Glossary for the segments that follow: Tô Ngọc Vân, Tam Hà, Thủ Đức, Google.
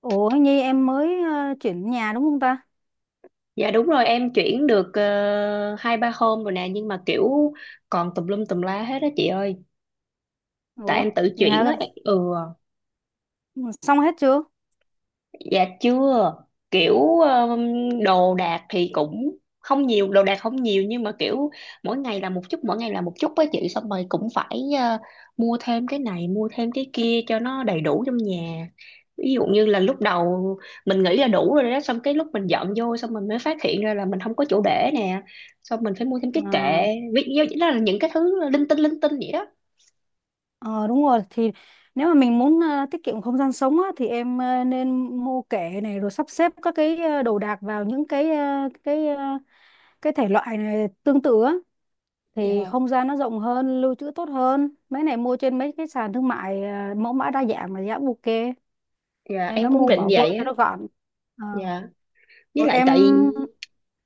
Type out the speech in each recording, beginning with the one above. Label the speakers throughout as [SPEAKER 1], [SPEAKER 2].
[SPEAKER 1] Ủa Nhi em mới chuyển nhà đúng không ta?
[SPEAKER 2] Dạ, đúng rồi, em chuyển được 2-3 hôm rồi nè, nhưng mà kiểu còn tùm lum tùm lá hết á chị ơi. Tại
[SPEAKER 1] Ủa
[SPEAKER 2] em tự
[SPEAKER 1] vậy
[SPEAKER 2] chuyển á.
[SPEAKER 1] hả?
[SPEAKER 2] Ừ.
[SPEAKER 1] Ừ, xong hết chưa?
[SPEAKER 2] Dạ chưa. Kiểu đồ đạc thì cũng không nhiều, đồ đạc không nhiều, nhưng mà kiểu mỗi ngày là một chút, mỗi ngày là một chút với chị. Xong rồi cũng phải mua thêm cái này, mua thêm cái kia cho nó đầy đủ trong nhà. Ví dụ như là lúc đầu mình nghĩ là đủ rồi đó, xong cái lúc mình dọn vô xong mình mới phát hiện ra là mình không có chỗ để nè, xong mình phải mua thêm cái kệ.
[SPEAKER 1] À,
[SPEAKER 2] Ví dụ đó là những cái thứ linh tinh vậy đó.
[SPEAKER 1] ờ, đúng rồi thì nếu mà mình muốn tiết kiệm không gian sống á, thì em nên mua kệ này rồi sắp xếp các cái đồ đạc vào những cái cái thể loại này tương tự á thì
[SPEAKER 2] Dạ.
[SPEAKER 1] không gian nó rộng hơn, lưu trữ tốt hơn. Mấy này mua trên mấy cái sàn thương mại, mẫu mã đa dạng mà giá ok
[SPEAKER 2] Dạ
[SPEAKER 1] nên
[SPEAKER 2] em
[SPEAKER 1] nó
[SPEAKER 2] cũng
[SPEAKER 1] mua
[SPEAKER 2] định
[SPEAKER 1] bỏ vô
[SPEAKER 2] vậy á.
[SPEAKER 1] cho nó gọn. Ờ,
[SPEAKER 2] Dạ. Với
[SPEAKER 1] Rồi
[SPEAKER 2] lại
[SPEAKER 1] em
[SPEAKER 2] tại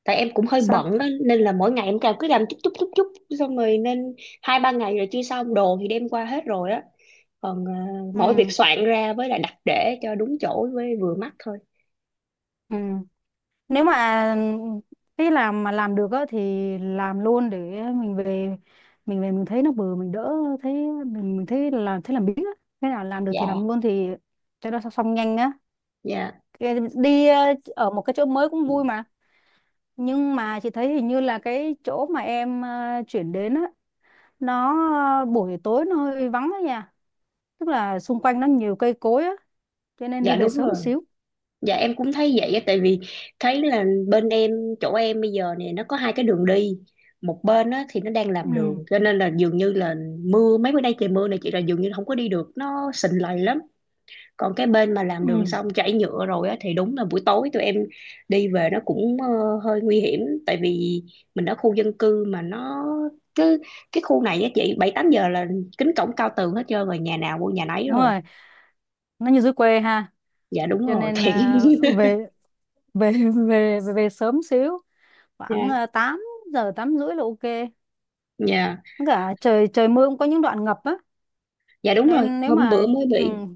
[SPEAKER 2] tại em cũng hơi
[SPEAKER 1] sao?
[SPEAKER 2] bận đó, nên là mỗi ngày em cào cứ làm chút chút chút chút, xong rồi nên 2-3 ngày rồi chưa xong. Đồ thì đem qua hết rồi á, còn
[SPEAKER 1] Ừ.
[SPEAKER 2] mỗi việc soạn ra với lại đặt để cho đúng chỗ với vừa mắt thôi.
[SPEAKER 1] Ừ. Nếu mà cái làm mà làm được á thì làm luôn để mình về, mình thấy nó bừa mình đỡ thấy mình thấy là thấy làm biếng á, thế nào làm được thì
[SPEAKER 2] Dạ.
[SPEAKER 1] làm luôn thì cho nó xong nhanh á.
[SPEAKER 2] Dạ.
[SPEAKER 1] Đi ở một cái chỗ mới cũng vui mà, nhưng mà chị thấy hình như là cái chỗ mà em chuyển đến á, nó buổi tối nó hơi vắng á nha, tức là xung quanh nó nhiều cây cối á, cho nên đi
[SPEAKER 2] Dạ
[SPEAKER 1] về
[SPEAKER 2] đúng
[SPEAKER 1] sớm
[SPEAKER 2] rồi.
[SPEAKER 1] một xíu.
[SPEAKER 2] Dạ em cũng thấy vậy á. Tại vì thấy là bên em, chỗ em bây giờ này nó có hai cái đường đi. Một bên á thì nó đang làm
[SPEAKER 1] Ừ,
[SPEAKER 2] đường, cho nên là dường như là mưa mấy bữa nay, trời mưa này chị, là dường như không có đi được, nó sình lầy lắm. Còn cái bên mà làm đường
[SPEAKER 1] ừ,
[SPEAKER 2] xong chảy nhựa rồi á thì đúng là buổi tối tụi em đi về nó cũng hơi nguy hiểm. Tại vì mình ở khu dân cư mà nó cứ, cái khu này á chị, 7-8 giờ là kính cổng cao tường hết trơn rồi, nhà nào mua nhà nấy
[SPEAKER 1] đúng
[SPEAKER 2] rồi.
[SPEAKER 1] rồi, nó như dưới quê ha.
[SPEAKER 2] Dạ đúng
[SPEAKER 1] Cho
[SPEAKER 2] rồi
[SPEAKER 1] nên
[SPEAKER 2] thiệt.
[SPEAKER 1] à, về về về về, về sớm xíu, khoảng
[SPEAKER 2] Dạ.
[SPEAKER 1] 8 giờ 8 rưỡi là ok. Với
[SPEAKER 2] Dạ.
[SPEAKER 1] cả trời trời mưa cũng có những đoạn ngập á,
[SPEAKER 2] Dạ đúng rồi,
[SPEAKER 1] nên nếu
[SPEAKER 2] hôm bữa
[SPEAKER 1] mà
[SPEAKER 2] mới bị.
[SPEAKER 1] ừ,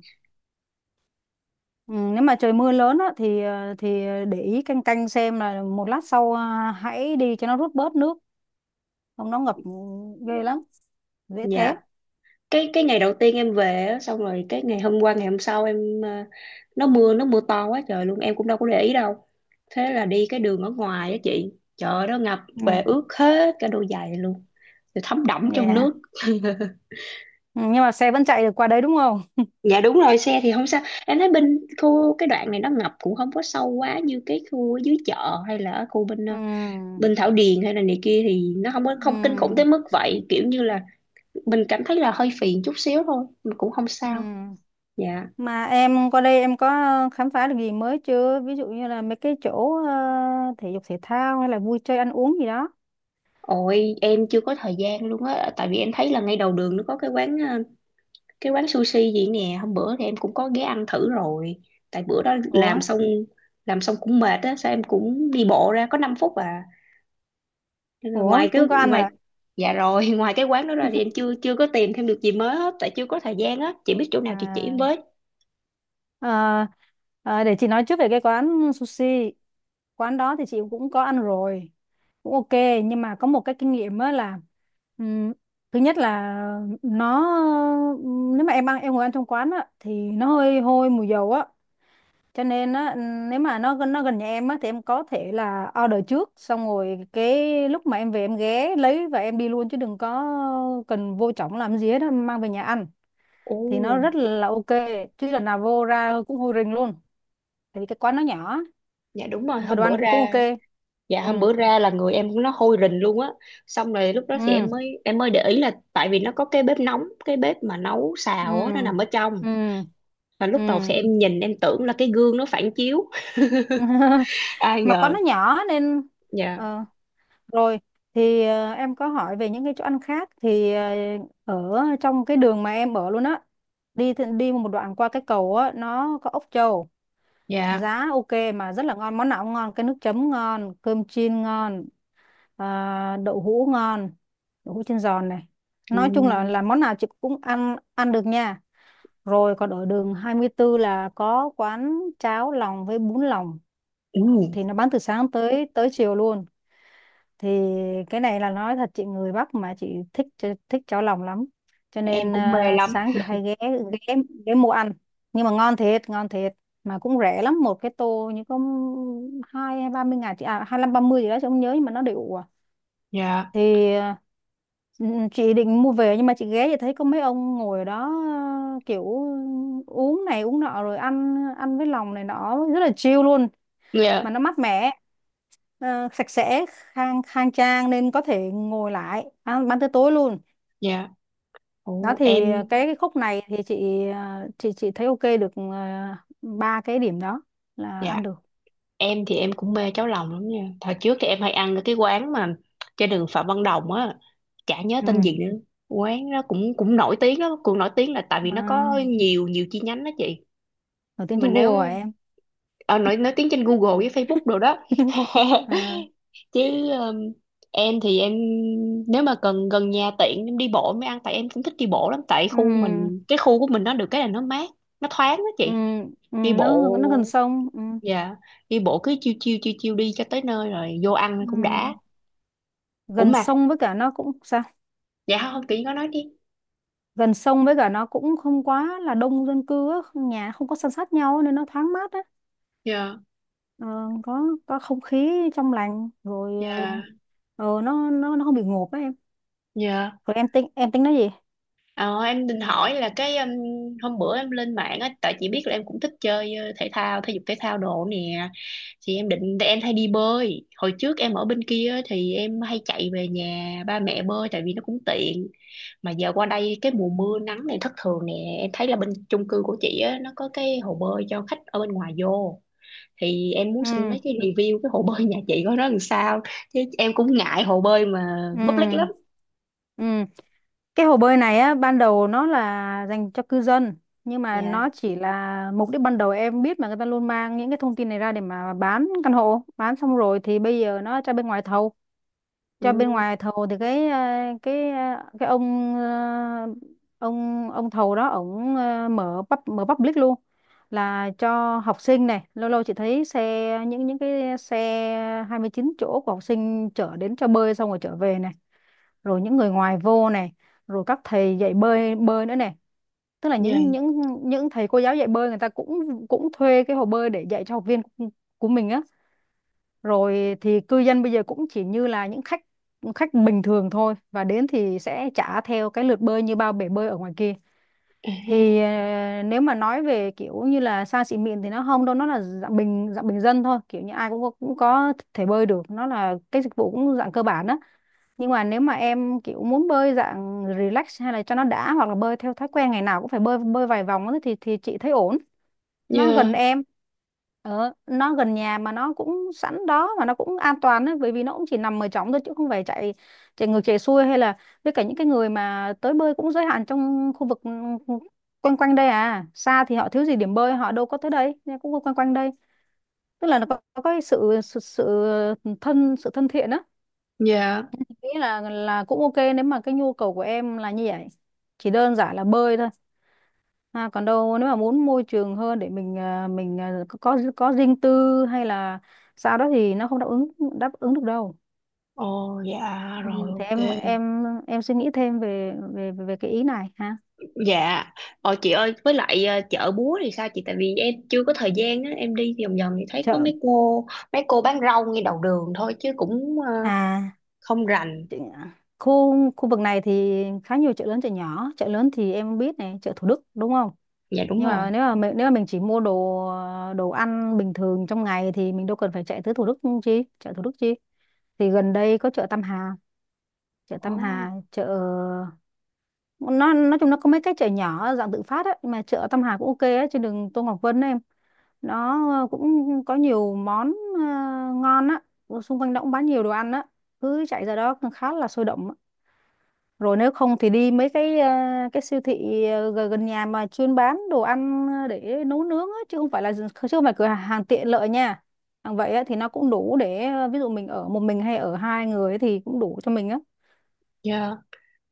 [SPEAKER 1] ừ, nếu mà trời mưa lớn á thì, để ý canh canh xem là một lát sau hãy đi cho nó rút bớt nước, không nó ngập ghê lắm, dễ té.
[SPEAKER 2] Dạ cái ngày đầu tiên em về á, xong rồi cái ngày hôm qua, ngày hôm sau em nó mưa to quá trời luôn, em cũng đâu có để ý đâu. Thế là đi cái đường ở ngoài á chị, trời ơi, nó ngập,
[SPEAKER 1] Ừ.
[SPEAKER 2] về ướt hết cả đôi giày luôn, rồi thấm đẫm trong
[SPEAKER 1] Yeah.
[SPEAKER 2] nước.
[SPEAKER 1] Ừ, nhưng mà xe vẫn chạy được qua đấy đúng không?
[SPEAKER 2] Dạ đúng rồi, xe thì không sao. Em thấy bên khu, cái đoạn này nó ngập cũng không có sâu quá như cái khu ở dưới chợ hay là ở khu bên
[SPEAKER 1] Ừ.
[SPEAKER 2] bên Thảo Điền hay là này kia, thì nó không có, không kinh khủng tới
[SPEAKER 1] Ừ.
[SPEAKER 2] mức vậy. Kiểu như là mình cảm thấy là hơi phiền chút xíu thôi, mình cũng không
[SPEAKER 1] Ừ.
[SPEAKER 2] sao. Dạ.
[SPEAKER 1] Mà em qua đây em có khám phá được gì mới chưa? Ví dụ như là mấy cái chỗ thể dục thể thao hay là vui chơi ăn uống gì đó.
[SPEAKER 2] Ôi em chưa có thời gian luôn á, tại vì em thấy là ngay đầu đường nó có cái quán cái quán sushi gì nè. Hôm bữa thì em cũng có ghé ăn thử rồi. Tại bữa đó
[SPEAKER 1] Ủa?
[SPEAKER 2] làm xong, làm xong cũng mệt á, sao em cũng đi bộ ra có 5 phút à. Nên là
[SPEAKER 1] Ủa?
[SPEAKER 2] ngoài cái
[SPEAKER 1] Cũng có ăn à?
[SPEAKER 2] ngoài dạ rồi. Ngoài cái quán đó ra thì em chưa chưa có tìm thêm được gì mới hết, tại chưa có thời gian á. Chị biết chỗ nào chị chỉ em
[SPEAKER 1] À,
[SPEAKER 2] với.
[SPEAKER 1] ờ, để chị nói trước về cái quán sushi. Quán đó thì chị cũng có ăn rồi. Cũng ok. Nhưng mà có một cái kinh nghiệm á là, ừm, thứ nhất là nó, nếu mà em ăn em ngồi ăn trong quán á thì nó hơi hôi mùi dầu á, cho nên á nếu mà nó gần nhà em á thì em có thể là order trước, xong rồi cái lúc mà em về em ghé lấy và em đi luôn chứ đừng có cần vô trỏng làm gì hết á, mang về nhà ăn
[SPEAKER 2] Ồ.
[SPEAKER 1] thì nó rất là ok, chứ lần nào vô ra cũng hôi rình luôn, tại vì cái quán nó nhỏ,
[SPEAKER 2] Dạ đúng rồi,
[SPEAKER 1] mà
[SPEAKER 2] hôm
[SPEAKER 1] đồ
[SPEAKER 2] bữa
[SPEAKER 1] ăn cũng cũng ok.
[SPEAKER 2] ra. Dạ,
[SPEAKER 1] Ừ.
[SPEAKER 2] hôm bữa ra là người em nó hôi rình luôn á. Xong rồi lúc đó thì
[SPEAKER 1] Ừ.
[SPEAKER 2] em mới để ý là tại vì nó có cái bếp nóng, cái bếp mà nấu
[SPEAKER 1] Ừ.
[SPEAKER 2] xào á, nó nằm ở trong.
[SPEAKER 1] Ừ.
[SPEAKER 2] Và lúc đầu thì
[SPEAKER 1] Ừ.
[SPEAKER 2] em nhìn em tưởng là cái gương nó phản chiếu, ai
[SPEAKER 1] Mà quán
[SPEAKER 2] ngờ.
[SPEAKER 1] nó nhỏ nên
[SPEAKER 2] Dạ.
[SPEAKER 1] ờ, rồi thì em có hỏi về những cái chỗ ăn khác thì ở trong cái đường mà em ở luôn á, đi một đoạn qua cái cầu á nó có ốc trâu,
[SPEAKER 2] Dạ.
[SPEAKER 1] giá ok mà rất là ngon, món nào cũng ngon, cái nước chấm ngon, cơm chiên ngon, à, đậu hũ ngon, đậu hũ chiên giòn này,
[SPEAKER 2] Ừ.
[SPEAKER 1] nói chung là món nào chị cũng ăn ăn được nha. Rồi còn ở đường 24 là có quán cháo lòng với bún lòng,
[SPEAKER 2] Ừ.
[SPEAKER 1] thì nó bán từ sáng tới tới chiều luôn. Thì cái này là nói thật, chị người Bắc mà chị thích thích cháo lòng lắm, cho
[SPEAKER 2] Em
[SPEAKER 1] nên
[SPEAKER 2] cũng mê
[SPEAKER 1] à,
[SPEAKER 2] lắm.
[SPEAKER 1] sáng chị hay ghé, ghé ghé mua ăn, nhưng mà ngon thiệt ngon thiệt, mà cũng rẻ lắm, một cái tô như có hai hay 30.000 chị à, hai năm ba mươi gì đó chị không nhớ, nhưng mà nó đều à.
[SPEAKER 2] Dạ.
[SPEAKER 1] Thì chị định mua về, nhưng mà chị ghé thì thấy có mấy ông ngồi ở đó, kiểu uống này uống nọ rồi ăn ăn với lòng này nọ rất là chill luôn, mà
[SPEAKER 2] Dạ.
[SPEAKER 1] nó mát mẻ, sạch sẽ, khang khang trang nên có thể ngồi lại ăn, tới tối luôn.
[SPEAKER 2] Dạ.
[SPEAKER 1] Đó
[SPEAKER 2] Ồ
[SPEAKER 1] thì
[SPEAKER 2] em.
[SPEAKER 1] cái khúc này thì chị chị thấy ok được, ba cái điểm đó là
[SPEAKER 2] Dạ
[SPEAKER 1] ăn được.
[SPEAKER 2] em thì em cũng mê cháo lòng lắm nha. Thời trước thì em hay ăn ở cái quán mà trên đường Phạm Văn Đồng á, chả nhớ
[SPEAKER 1] Ừ,
[SPEAKER 2] tên gì nữa. Quán nó cũng cũng nổi tiếng lắm, cũng nổi tiếng là tại vì nó
[SPEAKER 1] à,
[SPEAKER 2] có nhiều nhiều chi nhánh đó chị.
[SPEAKER 1] nổi tiếng
[SPEAKER 2] Mà
[SPEAKER 1] trong
[SPEAKER 2] nếu
[SPEAKER 1] Google hả em?
[SPEAKER 2] nổi nổi tiếng trên Google với Facebook đồ đó.
[SPEAKER 1] À,
[SPEAKER 2] Chứ um, em thì em nếu mà cần gần nhà tiện em đi bộ em mới ăn, tại em cũng thích đi bộ lắm. Tại
[SPEAKER 1] ừ,
[SPEAKER 2] khu mình, cái khu của mình nó được cái là nó mát, nó thoáng đó
[SPEAKER 1] ừ,
[SPEAKER 2] chị.
[SPEAKER 1] ừ,
[SPEAKER 2] Đi bộ.
[SPEAKER 1] nó gần sông, ừ,
[SPEAKER 2] Dạ đi bộ cứ chiêu chiêu chiêu chiêu đi cho tới nơi rồi vô ăn
[SPEAKER 1] ừ.
[SPEAKER 2] cũng đã. Ủa
[SPEAKER 1] Gần
[SPEAKER 2] mà.
[SPEAKER 1] sông với cả nó cũng sao,
[SPEAKER 2] Dạ không, chị có nói đi.
[SPEAKER 1] gần sông với cả nó cũng không quá là đông dân cư á, nhà không có san sát nhau nên nó thoáng mát á.
[SPEAKER 2] Dạ.
[SPEAKER 1] Ờ, có không khí trong lành rồi,
[SPEAKER 2] Dạ.
[SPEAKER 1] ờ, nó không bị ngộp á em.
[SPEAKER 2] Dạ.
[SPEAKER 1] Rồi em tính, nói gì?
[SPEAKER 2] Ờ, em định hỏi là cái hôm bữa em lên mạng á, tại chị biết là em cũng thích chơi thể thao, thể dục thể thao đồ nè. Thì em định em hay đi bơi. Hồi trước em ở bên kia á, thì em hay chạy về nhà ba mẹ bơi tại vì nó cũng tiện. Mà giờ qua đây cái mùa mưa nắng này thất thường nè, em thấy là bên chung cư của chị á nó có cái hồ bơi cho khách ở bên ngoài vô. Thì em muốn
[SPEAKER 1] Ừ.
[SPEAKER 2] xin mấy cái review cái hồ bơi nhà chị có nó làm sao. Chứ em cũng ngại hồ bơi mà public
[SPEAKER 1] Ừ.
[SPEAKER 2] lắm.
[SPEAKER 1] Ừ. Cái hồ bơi này á, ban đầu nó là dành cho cư dân, nhưng mà
[SPEAKER 2] Dạ.
[SPEAKER 1] nó chỉ là mục đích ban đầu, em biết mà, người ta luôn mang những cái thông tin này ra để mà bán căn hộ, bán xong rồi thì bây giờ nó cho bên ngoài thầu.
[SPEAKER 2] Ừ.
[SPEAKER 1] Cho bên ngoài thầu thì cái ông, ông thầu đó, ổng mở public luôn, là cho học sinh này, lâu lâu chị thấy xe, những cái xe 29 chỗ của học sinh chở đến cho bơi xong rồi trở về này, rồi những người ngoài vô này, rồi các thầy dạy bơi bơi nữa này, tức là
[SPEAKER 2] Dạ.
[SPEAKER 1] những thầy cô giáo dạy bơi, người ta cũng cũng thuê cái hồ bơi để dạy cho học viên của mình á. Rồi thì cư dân bây giờ cũng chỉ như là những khách, khách bình thường thôi, và đến thì sẽ trả theo cái lượt bơi như bao bể bơi ở ngoài kia.
[SPEAKER 2] À ha.
[SPEAKER 1] Thì nếu mà nói về kiểu như là xa xỉ mịn thì nó không đâu, nó là dạng bình dân thôi, kiểu như ai cũng có thể bơi được, nó là cái dịch vụ cũng dạng cơ bản á. Nhưng mà nếu mà em kiểu muốn bơi dạng relax hay là cho nó đã, hoặc là bơi theo thói quen ngày nào cũng phải bơi bơi vài vòng á thì chị thấy ổn. Nó gần
[SPEAKER 2] Dạ.
[SPEAKER 1] em, nó gần nhà mà nó cũng sẵn đó, mà nó cũng an toàn ấy, bởi vì nó cũng chỉ nằm ở trống thôi chứ không phải chạy, ngược chạy xuôi hay là, với cả những cái người mà tới bơi cũng giới hạn trong khu vực, ừ, quanh quanh đây à, xa thì họ thiếu gì điểm bơi, họ đâu có tới đây, nên cũng quanh quanh đây, tức là nó có, cái sự, sự sự thân thiện á.
[SPEAKER 2] Dạ.
[SPEAKER 1] Nghĩ là cũng ok nếu mà cái nhu cầu của em là như vậy, chỉ đơn giản là bơi thôi. À, còn đâu nếu mà muốn môi trường hơn để mình à, có riêng tư hay là sao đó thì nó không đáp ứng được đâu.
[SPEAKER 2] Ồ dạ,
[SPEAKER 1] Ừ,
[SPEAKER 2] rồi
[SPEAKER 1] thì em
[SPEAKER 2] ok.
[SPEAKER 1] suy nghĩ thêm về về về cái ý này ha.
[SPEAKER 2] Dạ. Ờ chị ơi, với lại chợ búa thì sao chị? Tại vì em chưa có thời gian á, em đi vòng vòng thì thấy có
[SPEAKER 1] Chợ
[SPEAKER 2] mấy cô bán rau ngay đầu đường thôi chứ cũng
[SPEAKER 1] à
[SPEAKER 2] không rành.
[SPEAKER 1] chị- khu khu vực này thì khá nhiều chợ lớn chợ nhỏ. Chợ lớn thì em biết này, chợ Thủ Đức đúng không?
[SPEAKER 2] Dạ đúng
[SPEAKER 1] Nhưng
[SPEAKER 2] rồi.
[SPEAKER 1] mà nếu mà mình chỉ mua đồ, à, đồ ăn bình thường trong ngày thì mình đâu cần phải chạy tới Thủ Đức chi, chợ Thủ Đức chi. Thì gần đây có chợ Tam Hà, chợ
[SPEAKER 2] Ồ.
[SPEAKER 1] Tam Hà, chợ nó nói chung nó có mấy cái chợ nhỏ dạng tự phát ấy, mà chợ Tâm Hà cũng ok ấy, trên đường Tô Ngọc Vân ấy em, nó cũng có nhiều món ngon á. Ở xung quanh đó cũng bán nhiều đồ ăn á, cứ chạy ra đó cũng khá là sôi động á. Rồi nếu không thì đi mấy cái siêu thị gần gần nhà mà chuyên bán đồ ăn để nấu nướng á, chứ không phải là, chứ không phải cửa hàng tiện lợi nha, hàng vậy á, thì nó cũng đủ để, ví dụ mình ở một mình hay ở hai người ấy thì cũng đủ cho mình á.
[SPEAKER 2] Dạ.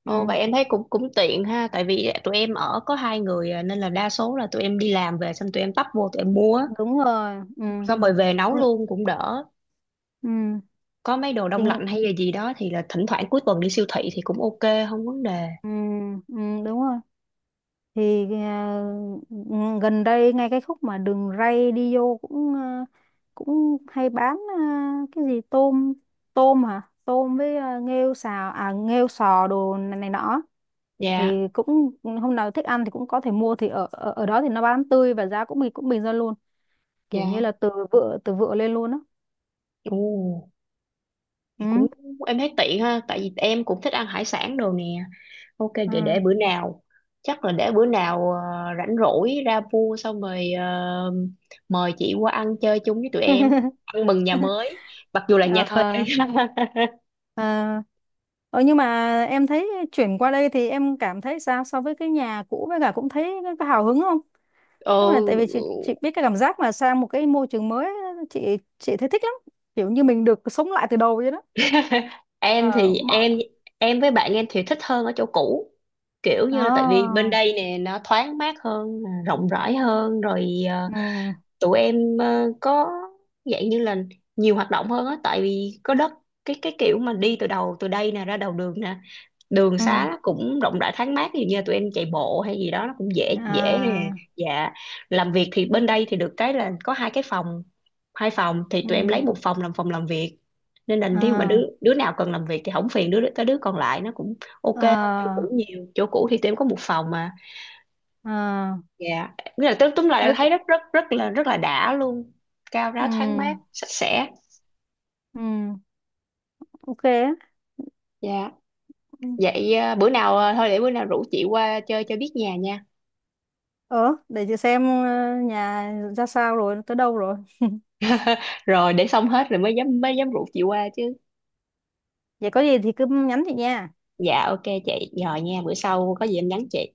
[SPEAKER 2] Ồ
[SPEAKER 1] Ừ,
[SPEAKER 2] vậy em thấy cũng cũng tiện ha, tại vì tụi em ở có hai người à, nên là đa số là tụi em đi làm về xong tụi em tấp vô tụi em mua á.
[SPEAKER 1] đúng rồi, ừ.
[SPEAKER 2] Xong rồi về nấu
[SPEAKER 1] Ừ.
[SPEAKER 2] luôn cũng đỡ.
[SPEAKER 1] Ừ.
[SPEAKER 2] Có mấy đồ
[SPEAKER 1] Thì.
[SPEAKER 2] đông lạnh hay là gì đó thì là thỉnh thoảng cuối tuần đi siêu thị thì cũng ok, không vấn đề.
[SPEAKER 1] Ừ, ừ, đúng rồi thì, gần đây ngay cái khúc mà đường ray đi vô cũng à, cũng hay bán à, cái gì tôm, tôm hả tôm với nghêu xào nghêu sò đồ này, này nọ,
[SPEAKER 2] Dạ.
[SPEAKER 1] thì cũng hôm nào thích ăn thì cũng có thể mua. Thì ở ở, ở đó thì nó bán tươi và giá cũng bình bình dân luôn, kiểu như
[SPEAKER 2] Dạ.
[SPEAKER 1] là từ vựa, lên luôn á.
[SPEAKER 2] Ồ. Thì cũng
[SPEAKER 1] Ừ,
[SPEAKER 2] em thấy tiện ha, tại vì em cũng thích ăn hải sản đồ nè. Ok,
[SPEAKER 1] ừ.
[SPEAKER 2] để bữa nào, chắc là để bữa nào rảnh rỗi ra mua xong rồi mời chị qua ăn chơi chung với tụi em, ăn mừng nhà mới, mặc dù là nhà thuê.
[SPEAKER 1] Ờ, à, ờ, nhưng mà em thấy chuyển qua đây thì em cảm thấy sao so với cái nhà cũ, với cả cũng thấy có hào hứng không? Nhưng
[SPEAKER 2] Ờ,
[SPEAKER 1] mà tại vì chị biết cái cảm giác mà sang một cái môi trường mới, chị thấy thích lắm. Kiểu như mình được sống lại từ đầu vậy đó.
[SPEAKER 2] em
[SPEAKER 1] Ờ
[SPEAKER 2] thì
[SPEAKER 1] mọi,
[SPEAKER 2] em với bạn em thì thích hơn ở chỗ cũ, kiểu như là tại vì
[SPEAKER 1] à,
[SPEAKER 2] bên đây nè nó thoáng mát hơn, rộng rãi hơn rồi
[SPEAKER 1] ừ,
[SPEAKER 2] tụi em có dạng như là nhiều hoạt động hơn á, tại vì có đất, cái kiểu mà đi từ đầu từ đây nè ra đầu đường nè, đường
[SPEAKER 1] ừ,
[SPEAKER 2] xá nó cũng rộng rãi thoáng mát. Ví dụ như là tụi em chạy bộ hay gì đó nó cũng dễ dễ nè.
[SPEAKER 1] à,
[SPEAKER 2] Dạ làm việc thì bên đây thì được cái là có hai cái phòng, hai phòng thì
[SPEAKER 1] ừ,
[SPEAKER 2] tụi em lấy một phòng làm việc. Nên là nếu mà đứa
[SPEAKER 1] à,
[SPEAKER 2] đứa nào cần làm việc thì không phiền đứa tới đứa còn lại, nó cũng ok hơn chỗ
[SPEAKER 1] à,
[SPEAKER 2] cũ nhiều. Chỗ cũ thì tụi em có một phòng mà.
[SPEAKER 1] à,
[SPEAKER 2] Dạ, nghĩa là tức túm lại là
[SPEAKER 1] với
[SPEAKER 2] thấy
[SPEAKER 1] cả,
[SPEAKER 2] rất rất rất là đã luôn, cao ráo
[SPEAKER 1] ừ,
[SPEAKER 2] thoáng mát sạch sẽ.
[SPEAKER 1] ừ, ok á.
[SPEAKER 2] Dạ.
[SPEAKER 1] Ừ.
[SPEAKER 2] Vậy à, bữa nào à, thôi để bữa nào rủ chị qua chơi cho biết nhà nha.
[SPEAKER 1] Ờ, để chị xem, nhà ra sao rồi, tới đâu rồi.
[SPEAKER 2] Rồi để xong hết rồi mới dám rủ chị qua chứ.
[SPEAKER 1] Vậy có gì thì cứ nhắn chị nha.
[SPEAKER 2] Dạ ok chị, rồi nha, bữa sau có gì em nhắn chị.